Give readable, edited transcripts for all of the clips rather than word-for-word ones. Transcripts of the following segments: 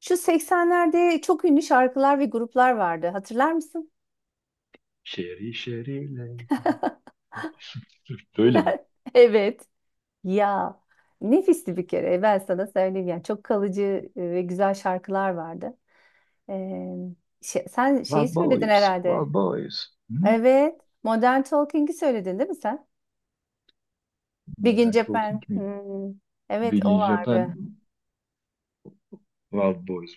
Şu 80'lerde çok ünlü şarkılar ve gruplar vardı. Hatırlar mısın? Şeri şeriyle. Böyle mi? Evet. Ya nefisti bir kere. Ben sana söyleyeyim yani çok kalıcı ve güzel şarkılar vardı. Ee, Sen şeyi Wild söyledin Boys, herhalde. Wild Boys. Hı? Evet. Modern Talking'i söyledin değil mi sen? Big in Modern Talking Japan. mi? Hmm, evet o Bilin Japan. vardı. Wild Boys.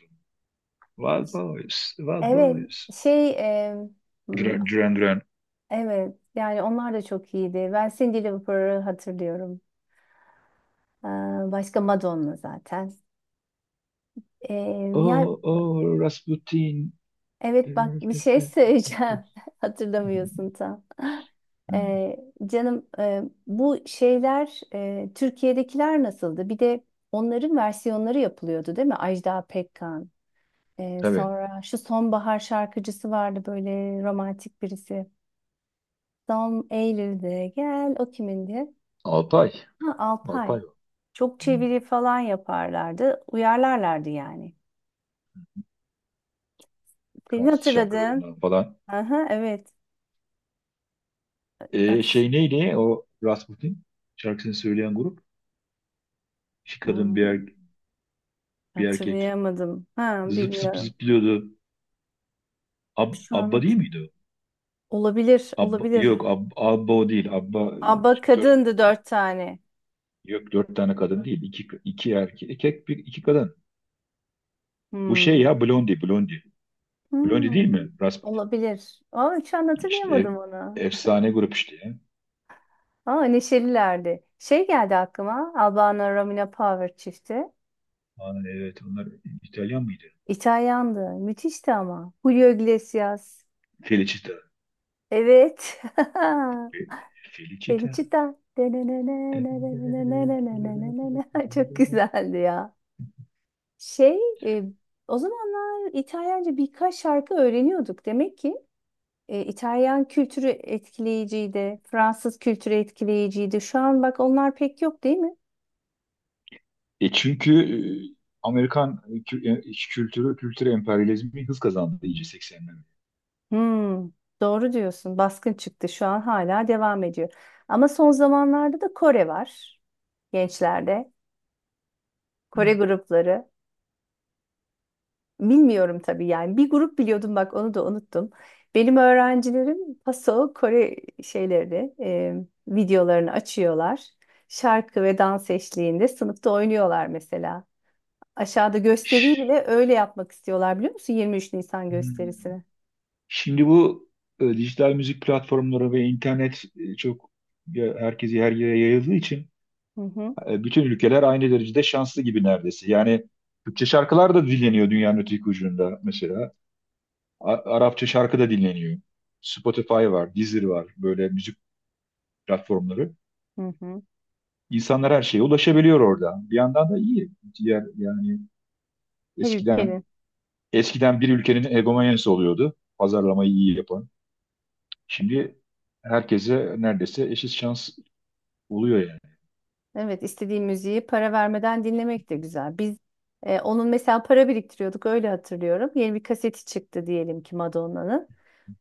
Wild Boys, Wild Evet. Boys. Şey e, hmm, Duran Duran. Duran. evet yani onlar da çok iyiydi. Ben Cindy Lauper'ı hatırlıyorum. Ee, Başka Madonna zaten. Ee, ya Oh, oh, Rasputin. evet Hı, bak bir şey söyleyeceğim. Hatırlamıyorsun tam. Ee, canım, bu şeyler, Türkiye'dekiler nasıldı? Bir de onların versiyonları yapılıyordu değil mi? Ajda Pekkan. Tabii. Sonra şu sonbahar şarkıcısı vardı, böyle romantik birisi. Son Eylül'de gel, o kimindi? Alpay. Ha, Alpay. Alpay o. Çok Hı. çeviri falan yaparlardı. Uyarlarlardı yani. Senin Fransız hatırladığın. şarkılarından falan. Aha, evet. At. Şey neydi o Rasputin? Şarkısını söyleyen grup. İki kadın, Hmm. Bir erkek. Hatırlayamadım. Ha, Zıp zıp bilmiyorum. zıplıyordu. Şu an Abba değil hatır- miydi o? Olabilir, Abba, olabilir. yok Abba o değil. Abba Aba dört, kadındı dört tane. yok dört tane kadın değil. İki, iki erkek, iki, bir, iki kadın. Bu şey Hmm. ya Blondie, Blondie. Blondie değil Hmm. mi? Rasputin. Olabilir. Ama şu an İşte hatırlayamadım onu. efsane grup işte ya. Ama neşelilerdi. Şey geldi aklıma. Albano Romina Power çifti. Aa, evet onlar İtalyan mıydı? İtalyandı. Müthişti ama. Julio Iglesias. Felicita. Evet. Fe- Felicita. Felicita. Çok güzeldi ya. Şey, e, o zamanlar İtalyanca birkaç şarkı öğreniyorduk. Demek ki İtalyan kültürü etkileyiciydi, Fransız kültürü etkileyiciydi. Şu an bak onlar pek yok değil mi? Çünkü e, Amerikan kültürü, kültür emperyalizmi hız kazandı iyice 80'lerde. Hmm, doğru diyorsun. Baskın çıktı. Şu an hala devam ediyor. Ama son zamanlarda da Kore var gençlerde. Kore grupları. Bilmiyorum tabii yani. Bir grup biliyordum, bak onu da unuttum. Benim öğrencilerim Paso Kore şeylerini, videolarını açıyorlar. Şarkı ve dans eşliğinde sınıfta oynuyorlar mesela. Aşağıda gösteriyi bile öyle yapmak istiyorlar, biliyor musun? 23 Nisan Hmm. gösterisini. Şimdi bu dijital müzik platformları ve internet çok herkesi her yere yayıldığı için Hı hı, bütün ülkeler aynı derecede şanslı gibi neredeyse. Yani Türkçe şarkılar da dinleniyor dünyanın öteki ucunda mesela. Arapça şarkı da dinleniyor. Spotify var, Deezer var, böyle müzik platformları. hı hı. İnsanlar her şeye ulaşabiliyor orada. Bir yandan da iyi. Diğer yani Her eskiden, ülkenin. Bir ülkenin egomanyası oluyordu. Pazarlamayı iyi yapan. Şimdi herkese neredeyse eşit şans oluyor yani. Evet, istediğim müziği para vermeden dinlemek de güzel. Biz, onun mesela para biriktiriyorduk, öyle hatırlıyorum. Yeni bir kaseti çıktı diyelim ki Madonna'nın.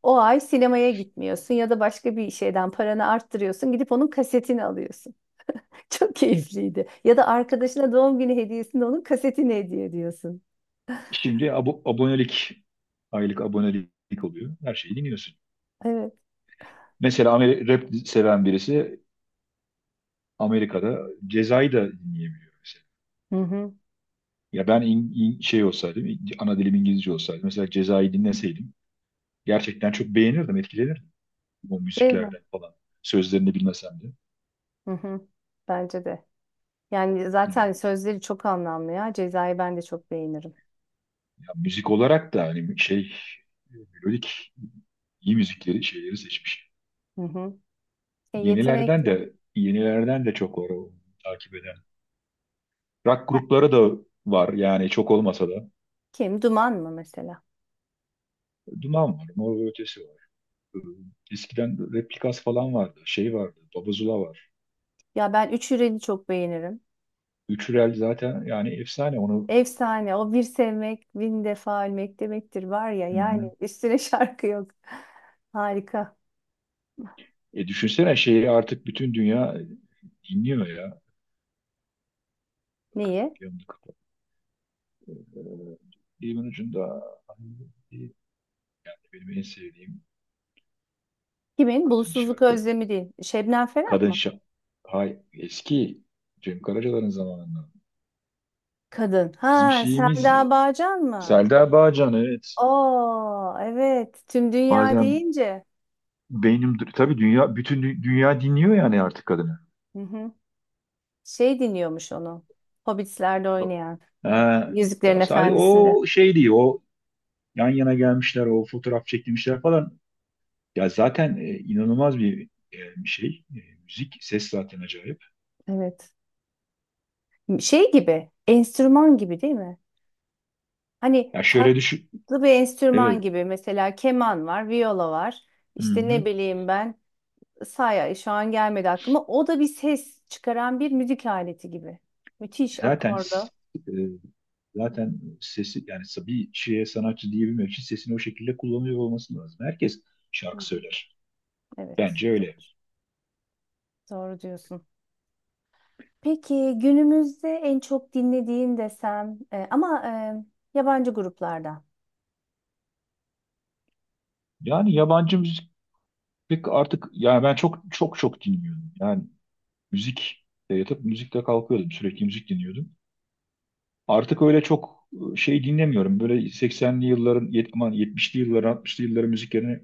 O ay sinemaya gitmiyorsun ya da başka bir şeyden paranı arttırıyorsun. Gidip onun kasetini alıyorsun. Çok keyifliydi. Ya da arkadaşına doğum günü hediyesinde onun kasetini hediye ediyorsun. Şimdi abonelik, aylık abonelik oluyor. Her şeyi dinliyorsun. Evet. Mesela rap seven birisi Amerika'da Ceza'yı da dinleyemiyor mesela. Hı hı. Ya ben şey olsaydım, ana dilim İngilizce olsaydı, mesela Ceza'yı dinleseydim gerçekten çok beğenirdim, etkilenirdim o Değil mi? müziklerden falan. Sözlerini bilmesem de. Hı hı. Bence de. Yani zaten Evet. sözleri çok anlamlı ya. Cezayı ben de çok beğenirim. Ya müzik olarak da hani şey, melodik iyi müzikleri, şeyleri seçmiş. Hı hı. E, Yenilerden yetenekli. de yenilerden de çok var o takip eden. Rock Ha, grupları da var yani, çok olmasa da. kim? Duman mı mesela? Duman var, Mor ve Ötesi var. Ee, Eskiden Replikas falan vardı. Şey vardı, Babazula var. Ya ben Üç Hürel'i çok beğenirim. Üçürel zaten yani, efsane onu. Efsane. O bir sevmek, bin defa ölmek demektir var ya. Hı hı. Yani üstüne şarkı yok. Harika. Düşünsene, şeyi artık bütün dünya dinliyor ya. Bakın Niye? yanımda kapat. Ee, Dilimin ucunda benim en sevdiğim Kimin? kadın Bulutsuzluk şarkı. özlemi değil. Şebnem Ferah Kadın mı? şarkı. Hay eski Cem Karaca'ların zamanında. Kadın. Bizim Ha, şeyimiz Selda Bağcan mı? Selda Bağcan, evet. Oo, evet. Tüm dünya Bazen deyince. beynim tabii, dünya, bütün dünya dinliyor yani artık kadını. Hı hı. Şey dinliyormuş onu. Hobbit'lerde oynayan. Ha, Yüzüklerin ya sadece Efendisi'nde. o şey değil, o yan yana gelmişler, o fotoğraf çekilmişler falan. Ya zaten inanılmaz bir şey, müzik, ses zaten acayip. Evet. Şey gibi. Enstrüman gibi değil mi? Hani Ya şöyle farklı düşün, bir enstrüman evet, gibi, mesela keman var, viyola var. İşte ne hı-hı. bileyim ben, saya şu an gelmedi aklıma. O da bir ses çıkaran bir müzik aleti gibi. Müthiş Zaten akorlu. s- e, zaten sesi yani, bir şeye sanatçı diyebilmek için sesini o şekilde kullanıyor olması lazım. Herkes Hı şarkı hı. söyler. Evet, Bence o da öyle. var. Doğru diyorsun. Peki günümüzde en çok dinlediğin desem, ama yabancı gruplardan. Yani yabancı müzik pek artık, yani ben çok çok çok dinliyorum. Yani müzik de yatıp müzikle kalkıyordum. Sürekli müzik dinliyordum. Artık öyle çok şey dinlemiyorum. Böyle 80'li yılların, aman 70'li yılların, 60'lı yılların müziklerini,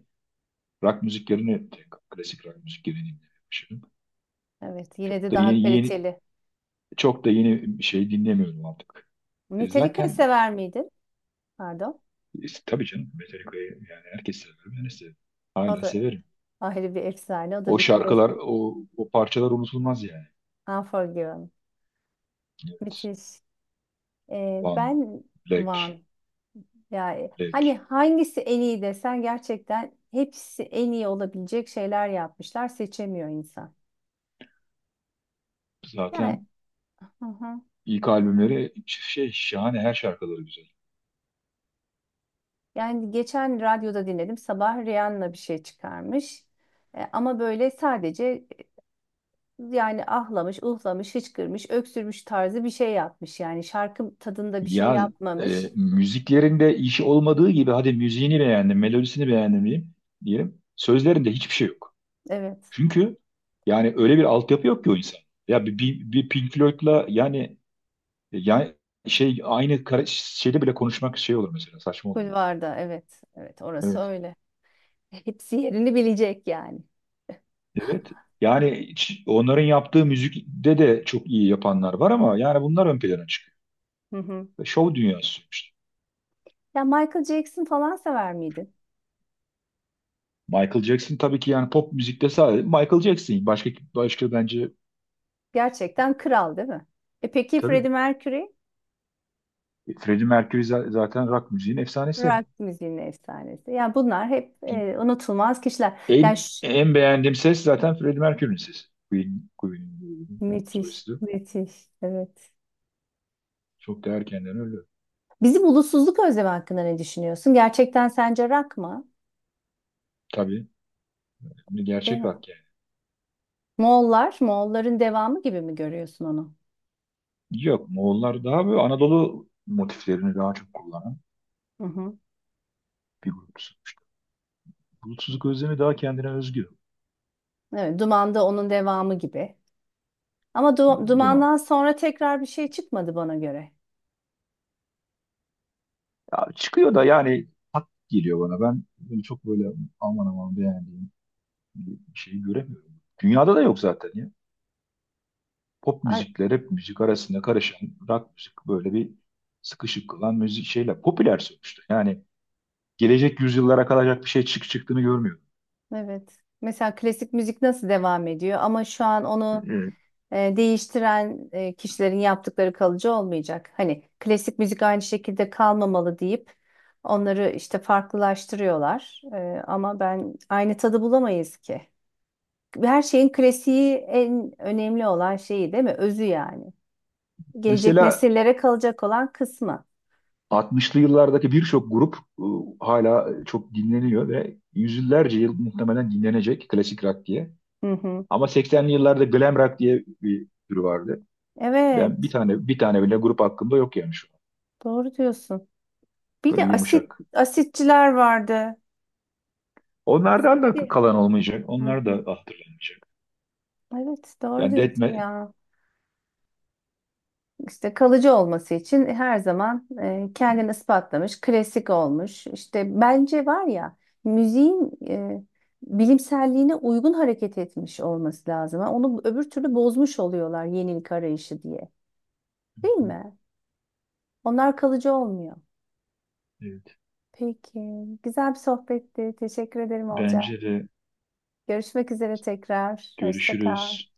rock müziklerini, klasik rock müzik yerine dinlemeye başladım. Evet, yine Çok de da daha yeni, yeni kaliteli. çok da yeni bir şey dinlemiyorum artık. E, Metallica zaten sever miydin? Pardon. Tabii canım, Metallica'yı yani herkes sever. Ben de severim. O Hala da severim. ayrı bir efsane. O da O bir şarkılar, klasik. o parçalar unutulmaz yani. Unforgiven. Evet. Müthiş. One, Ben Black, Van. Yani hani Black. hangisi en iyi desen, gerçekten hepsi en iyi olabilecek şeyler yapmışlar. Seçemiyor insan. Yani, Zaten hı hı. İlk albümleri şahane, her şarkıları güzel. Yani geçen radyoda dinledim. Sabah Rihanna bir şey çıkarmış. E, ama böyle sadece, yani ahlamış, uhlamış, hıçkırmış, öksürmüş tarzı bir şey yapmış. Yani şarkı tadında bir şey Ya yapmamış. müziklerinde işi olmadığı gibi, hadi müziğini beğendim, melodisini beğendim diyeyim, diyelim. Sözlerinde hiçbir şey yok. Evet. Çünkü yani öyle bir altyapı yok ki o insan. Ya bir Pink Floyd'la yani, yani şey aynı şeyde bile konuşmak şey olur, mesela saçma olur. Kulvarda evet. Evet orası Evet. öyle. Hepsi yerini bilecek yani. Evet. Yani onların yaptığı müzikte de çok iyi yapanlar var ama yani bunlar ön plana çıkıyor. Hı hı. Şov dünyası. Ya Michael Jackson falan sever miydin? Michael Jackson tabii ki, yani pop müzikte sadece Michael Jackson. Başka bence Gerçekten kral değil mi? E peki tabii Freddie Mercury? Freddie Mercury zaten rock müziğin efsanesi. Rock müziğinin efsanesi. Yani bunlar hep unutulmaz kişiler. En en beğendiğim ses zaten Freddie Mercury'nin sesi. Queen'in Müthiş, solisti. müthiş. Evet. Çok değer erkenden öldü. Bizim ulusuzluk özlemi hakkında ne düşünüyorsun? Gerçekten sence rock mı? Tabii bir Değil gerçek mi? rock yani. Moğollar, Moğolların devamı gibi mi görüyorsun onu? Yok, Moğollar daha böyle Anadolu motiflerini daha çok kullanan Hı hı. bir grup. Bulutsuzluk özlemi daha kendine özgü. Evet, Duman'da onun devamı gibi. Ama Zaman. Duman'dan sonra tekrar bir şey çıkmadı bana göre. Ya çıkıyor da yani, hak geliyor bana. Ben böyle çok böyle aman aman beğendiğim şeyi göremiyorum. Dünyada da yok zaten ya. Pop Ar- müzikle rap müzik arasında karışan rock müzik, böyle bir sıkışık kılan müzik şeyler popüler sonuçta. Yani gelecek yüzyıllara kalacak bir şey çıktığını görmüyorum. Evet. Mesela klasik müzik nasıl devam ediyor, ama şu an onu Evet. Değiştiren kişilerin yaptıkları kalıcı olmayacak. Hani klasik müzik aynı şekilde kalmamalı deyip onları işte farklılaştırıyorlar. E, ama ben aynı tadı bulamayız ki. Her şeyin klasiği en önemli olan şeyi değil mi? Özü yani. Gelecek Mesela nesillere kalacak olan kısmı. 60'lı yıllardaki birçok grup hala çok dinleniyor ve yüzyıllarca yıl muhtemelen dinlenecek klasik rock diye. Hı hı. Ama 80'li yıllarda glam rock diye bir tür vardı. Ben bir Evet, tane bir tane bile grup hakkında yok yani şu an. doğru diyorsun. Bir Böyle de asit yumuşak. asitçiler vardı. Onlardan da Asitçi. kalan olmayacak. Hı Onlar da hı. hatırlanmayacak. Evet doğru Yani diyorsun detme... ya. İşte kalıcı olması için her zaman kendini ispatlamış, klasik olmuş. İşte bence var ya, müziğin bilimselliğine uygun hareket etmiş olması lazım. Ha, onu öbür türlü bozmuş oluyorlar yenilik arayışı diye. Değil mi? Onlar kalıcı olmuyor. Evet. Peki, güzel bir sohbetti. Teşekkür ederim Olcay. Bence de Görüşmek üzere tekrar. Hoşça kal. görüşürüz.